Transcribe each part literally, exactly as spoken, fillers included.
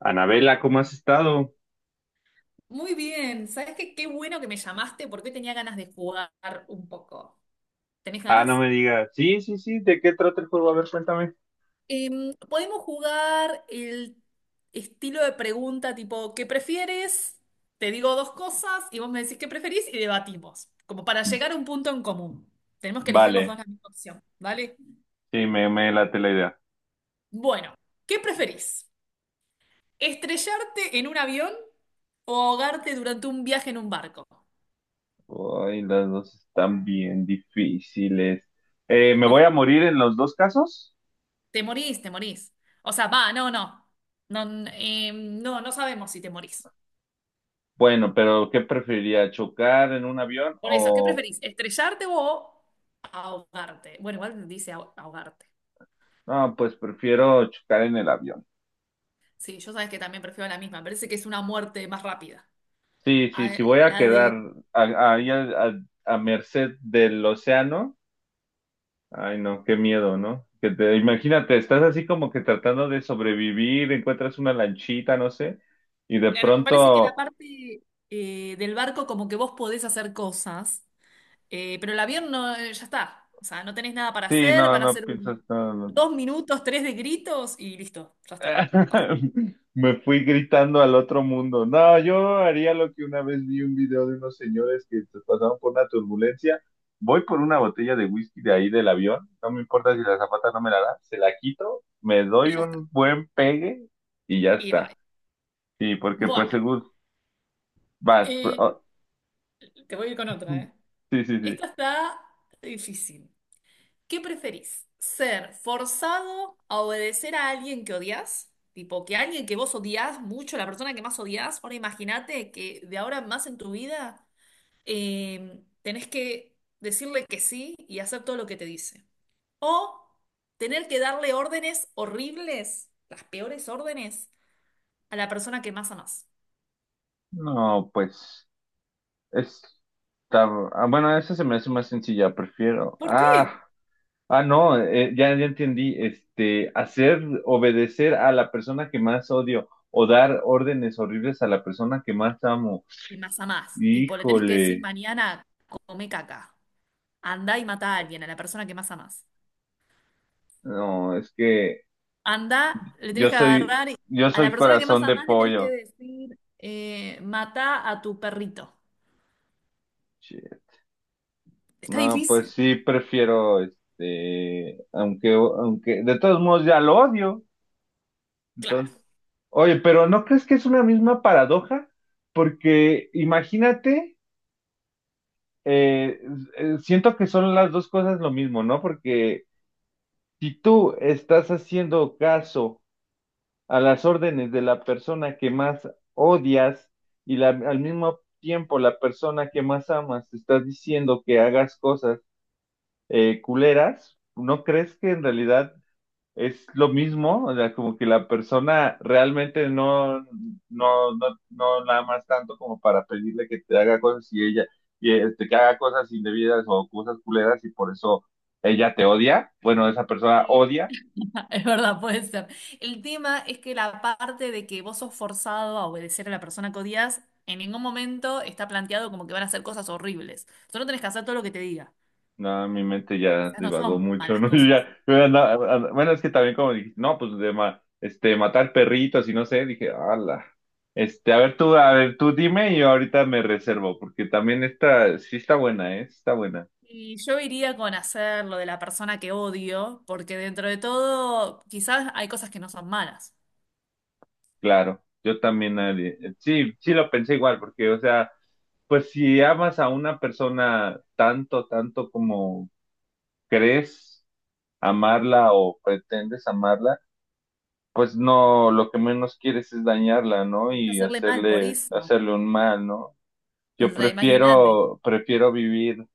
Anabela, ¿cómo has estado? Muy bien, ¿sabes qué? Qué bueno que me llamaste porque hoy tenía ganas de jugar un poco. ¿Tenés Ah, no ganas? me digas. Sí, sí, sí, ¿de qué trata el juego? A ver, cuéntame. Em, podemos jugar el estilo de pregunta tipo, ¿qué prefieres? Te digo dos cosas y vos me decís qué preferís y debatimos, como para llegar a un punto en común. Tenemos que elegir los dos Vale, la misma opción, ¿vale? sí, me, me late la idea. Bueno, ¿qué preferís? ¿Estrellarte en un avión o ahogarte durante un viaje en un barco? Ay, las dos están bien difíciles. Eh, ¿me voy a morir en los dos casos? Te morís, te morís. O sea, va, no, no. No, n- eh, no, no sabemos si te morís. Bueno, pero ¿qué preferiría? ¿Chocar en un avión Por eso, ¿qué o...? preferís? ¿Estrellarte o ahogarte? Bueno, igual dice aho- ahogarte. No, pues prefiero chocar en el avión. Sí, yo sabes que también prefiero la misma. Me parece que es una muerte más rápida. Sí, sí, A- sí, voy a la quedar de. a- ahí a, a, a merced del océano. Ay, no, qué miedo, ¿no? Que te, imagínate, estás así como que tratando de sobrevivir, encuentras una lanchita, no sé, y de Claro, me parece que la pronto, parte eh, del barco, como que vos podés hacer cosas, eh, pero el avión no, eh, ya está. O sea, no tenés nada para sí, hacer, no, van a no ser piensas, un- no, no. dos minutos, tres de gritos y listo, ya está. Pasa. Me fui gritando al otro mundo. No, yo haría lo que una vez vi un video de unos señores que se pasaron por una turbulencia. Voy por una botella de whisky de ahí del avión, no me importa si la zapata no me la da, se la quito, me Y doy ya está. un buen pegue y ya Y está. bye. Sí, porque pues Bueno. según vas. Eh, te voy a ir con otra, ¿eh? Sí, sí, sí. Esta está difícil. ¿Qué preferís? ¿Ser forzado a obedecer a alguien que odias? Tipo, que alguien que vos odias mucho, la persona que más odias. Ahora imagínate que de ahora en más en tu vida eh, tenés que decirle que sí y hacer todo lo que te dice. O tener que darle órdenes horribles, las peores órdenes, a la persona que más amás. No, pues está. Ah, bueno, esa se me hace más sencilla, prefiero. ¿Por Ah, qué? ah, no, eh, ya, ya entendí. Este, hacer obedecer a la persona que más odio o dar órdenes horribles a la persona que más amo. De más a más. Tipo, le tenés que decir Híjole, mañana, come caca. Anda y mata a alguien, a la persona que más amás. no, es que Anda, le tenés yo que soy, agarrar, y- yo a la soy persona que más corazón de amás le tenés que pollo. decir, eh, mata a tu perrito. Shit. Está No, pues difícil. sí, prefiero, este, aunque, aunque de todos modos ya lo odio. Claro. Entonces, oye, pero ¿no crees que es una misma paradoja? Porque imagínate, eh, eh, siento que son las dos cosas lo mismo, ¿no? Porque si tú estás haciendo caso a las órdenes de la persona que más odias y la- al mismo tiempo la persona que más amas te está diciendo que hagas cosas eh, culeras, ¿no crees que en realidad es lo mismo? O sea, como que la persona realmente no, no, no, no la amas tanto como para pedirle que te haga cosas y ella, y este, que haga cosas indebidas o cosas culeras y por eso ella te odia, bueno, esa persona Sí. odia. Es verdad, puede ser. El tema es que la parte de que vos sos forzado a obedecer a la persona que odias, en ningún momento está planteado como que van a hacer cosas horribles. Solo tenés que hacer todo lo que te diga. No, mi mente ya Quizás no divagó son mucho, malas ¿no? Yo cosas. ya, yo andaba- and- bueno, es que también como dije, no, pues de ma- este, matar perritos y no sé, dije, ala. Este, a ver tú, a ver tú dime y yo ahorita me reservo, porque también esta, sí está buena, ¿eh? Sí, está buena. Y yo iría con hacer lo de la persona que odio, porque dentro de todo, quizás hay cosas que no son malas. Claro, yo también, eh, sí, sí lo pensé igual, porque, o sea, pues si amas a una persona tanto, tanto como crees amarla o pretendes amarla, pues no, lo que menos quieres es dañarla, ¿no? Es Y hacerle mal por hacerle, eso. hacerle un mal, ¿no? O Yo sea, imagínate. prefiero, prefiero vivir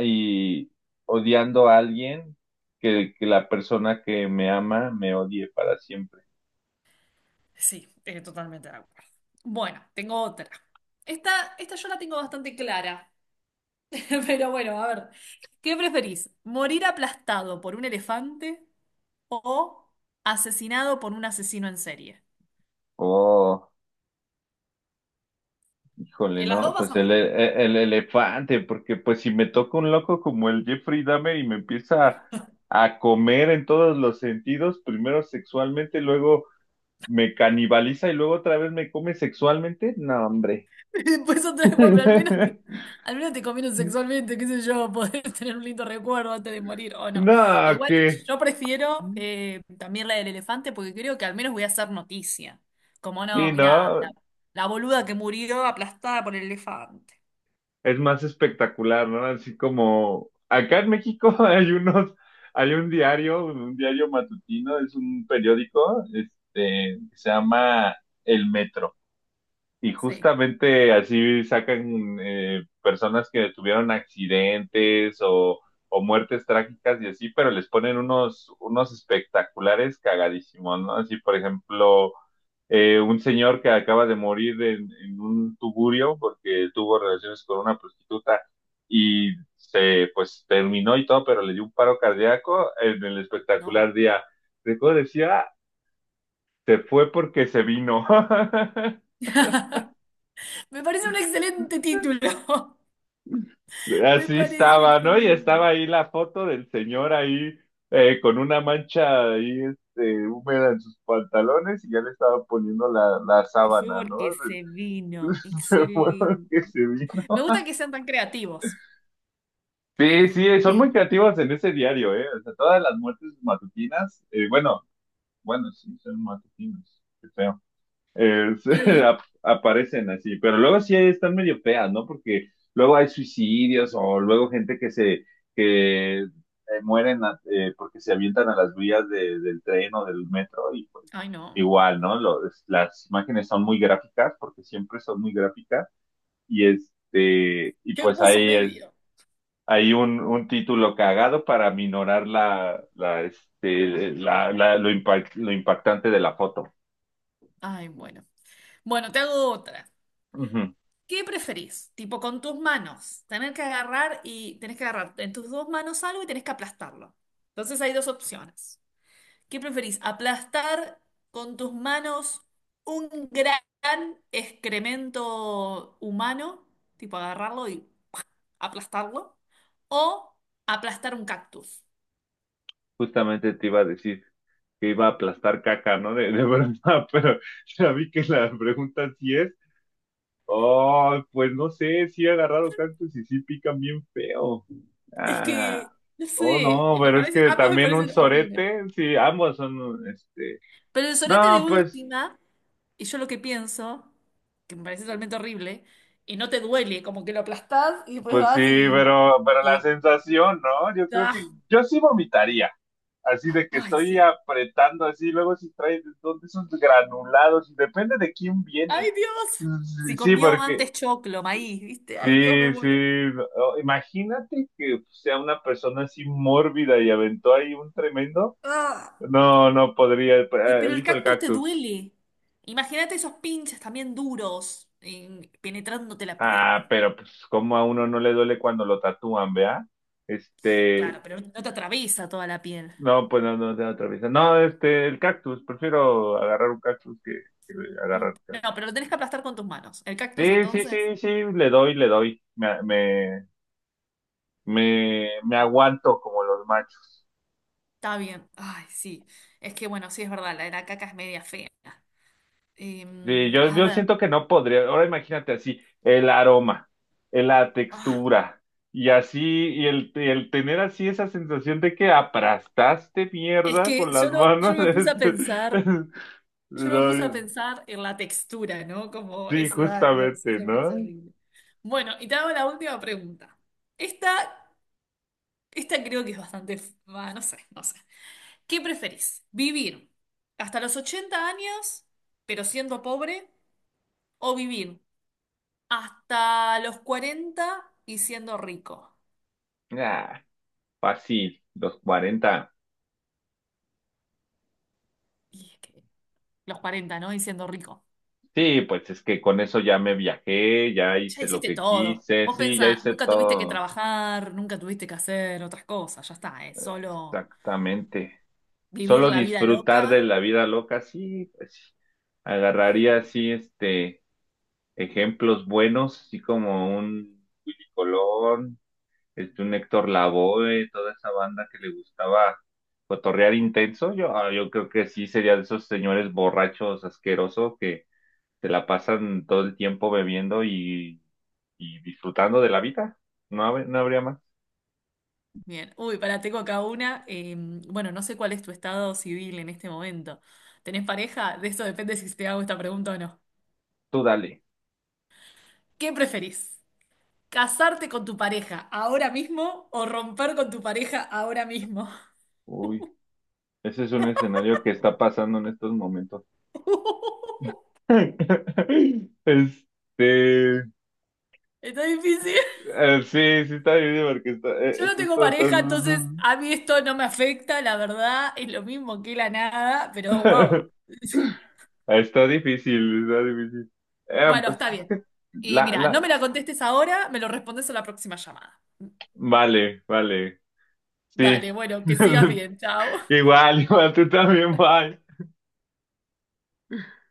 y odiando a alguien que, que la persona que me ama me odie para siempre. Sí, eh, totalmente de acuerdo. Bueno, tengo otra. Esta, esta yo la tengo bastante clara. Pero bueno, a ver. ¿Qué preferís? ¿Morir aplastado por un elefante o asesinado por un asesino en serie? Oh. Híjole, En las no, dos vas a pues el, morir. e- el elefante, porque pues si me toca un loco como el Jeffrey Dahmer y me empieza a, a comer en todos los sentidos, primero sexualmente, luego me canibaliza y luego otra vez me come sexualmente, no, hombre. Y después otra vez, bueno, pero al menos, te- al menos te comieron sexualmente, qué sé yo, poder tener un lindo recuerdo antes de morir o no. No, Igual que yo prefiero eh, también la del elefante porque creo que al menos voy a hacer noticia. Como no, sí, mirá, la, ¿no? la boluda que murió aplastada por el elefante. Es más espectacular, ¿no? Así como acá en México hay unos, hay un diario, un diario matutino, es un periódico, este, que se llama El Metro. Y Sí, justamente así sacan eh, personas que tuvieron accidentes o, o muertes trágicas y así, pero les ponen unos, unos espectaculares cagadísimos, ¿no? Así, por ejemplo, eh, un señor que acaba de morir en, en un tugurio porque tuvo relaciones con una prostituta y se, pues, terminó y todo, pero le dio un paro cardíaco en el no. espectacular día. Recuerdo decía, se fue porque se vino. Me parece un excelente título. Me Así parece estaba, ¿no? Y estaba excelente. ahí la foto del señor ahí eh, con una mancha ahí este, húmeda en sus pantalones y ya le estaba poniendo la, la Se fue sábana, ¿no? porque se vino. Se fue Excelente. que se vino. Me gusta que sean tan creativos. Sí, sí, son Y, muy creativos en ese diario, ¿eh? O sea, todas las muertes matutinas, eh, bueno, bueno, sí, son matutinas, qué feo. es- eh, ap- aparecen así, pero luego sí están medio feas, ¿no? Porque luego hay suicidios o luego gente que se, que eh, mueren a- eh, porque se avientan a las vías de- del tren o del metro y pues ay, no. igual, ¿no? Lo- es- las imágenes son muy gráficas porque siempre son muy gráficas y este, y Qué pues hermoso ahí el- medio. hay un, un título cagado para minorar la, la, este, la, la- lo impact- lo impactante de la foto. Ay, bueno. Bueno, te hago otra. Ujú. ¿Qué preferís? Tipo, con tus manos. Tener que agarrar y tenés que agarrar en tus dos manos algo y tenés que aplastarlo. Entonces hay dos opciones. ¿Qué preferís? ¿Aplastar con tus manos un gran excremento humano? Tipo, agarrarlo y aplastarlo. ¿O aplastar un cactus? Justamente te iba a decir que iba a aplastar caca, ¿no? De, de verdad, pero ya vi que la pregunta sí es. Oh, pues no sé, sí he agarrado cactus y sí pican bien feo. Es que, Ah, no oh, sé, no, me pero es parece, que ambos me también un parecen horribles. sorete, sí, ambos son, este, Pero el sorete de no, pues, última. Y yo lo que pienso, que me parece totalmente horrible, y no te duele, como que lo aplastás y después pues sí, vas y... pero, pero la y- sensación, ¿no? Yo creo que ah, yo sí vomitaría, así de que ay, estoy sí. apretando así, luego si traes, ¿dónde esos granulados? Depende de quién viene. ¡Ay, Dios! Si Sí, comió porque antes choclo, maíz, ¿viste? ¡Ay, Dios, me sí, sí, muero! o- imagínate que pues, sea una persona así mórbida y aventó ahí un tremendo. ¡Ah! No, no podría, eh, Y elijo pero el el hijo del cactus te cactus. duele. Imagínate esos pinches también duros, eh, penetrándote la piel. Ah, pero pues como a uno no le duele cuando lo tatúan, ¿vea? Este, Claro, pero no te atraviesa toda la piel. no, pues no, no, de otra vez. No, este, el cactus, prefiero agarrar un cactus que, que Un- agarrar un no, cactus. pero lo tenés que aplastar con tus manos. El cactus, Sí, sí, sí, entonces, sí, le doy, le doy. Me, me, me, me aguanto como los machos. está bien. Ay, sí. Es que, bueno, sí es verdad, la de la caca es media fea. Sí, Em, yo, a yo ver, siento que no podría. Ahora imagínate así, el aroma, eh, la ah, textura, y así, y el, y el tener así esa sensación de que aplastaste es mierda que con las yo no, manos. yo no me puse es- a pensar, es- yo no me puse a no, pensar en la textura, ¿no? Como sí, eso, ay Dios, justamente, eso me parece ¿no? horrible. Bueno, y te hago la última pregunta. Esta, esta creo que es bastante, f- ah, no sé, no sé. ¿Qué preferís? ¿Vivir hasta los ochenta años, pero siendo pobre, o vivir hasta los cuarenta y siendo rico? Ah, fácil, los cuarenta. Y es que los cuarenta, ¿no? Y siendo rico. Sí, pues es que con eso ya me viajé, ya Ya hice lo hiciste que todo. quise, Vos sí, pensá, ya hice nunca tuviste que todo. trabajar, nunca tuviste que hacer otras cosas, ya está, es solo Exactamente. vivir Solo la vida loca. disfrutar de la vida loca, sí, pues sí. Agarraría así, este, ejemplos buenos, así como un Willy Colón, este, un Héctor Lavoe, toda esa banda que le gustaba cotorrear intenso. Yo, ah, yo creo que sí sería de esos señores borrachos asquerosos que se la pasan todo el tiempo bebiendo y, y disfrutando de la vida. No, hab- no habría más. Bien, uy, para tengo acá una. eh, bueno, no sé cuál es tu estado civil en este momento. ¿Tenés pareja? De eso depende si te hago esta pregunta o no. Tú dale. ¿Qué preferís? ¿Casarte con tu pareja ahora mismo o romper con tu pareja ahora mismo? Uy, ese es un escenario que está pasando en estos momentos. Este, eh, Está difícil. sí, sí está difícil porque está, eh, Yo eh, no tengo justo está, pareja, entonces a mí esto no me afecta, la verdad, es lo mismo que la nada, pero wow. está difícil, está difícil. Eh, Bueno, pues está es bien. que Y la, mira, no la, me la contestes ahora, me lo respondes a la próxima llamada. vale, vale, sí. Dale, bueno, que sigas bien, chao. Igual, igual, tú también, bye.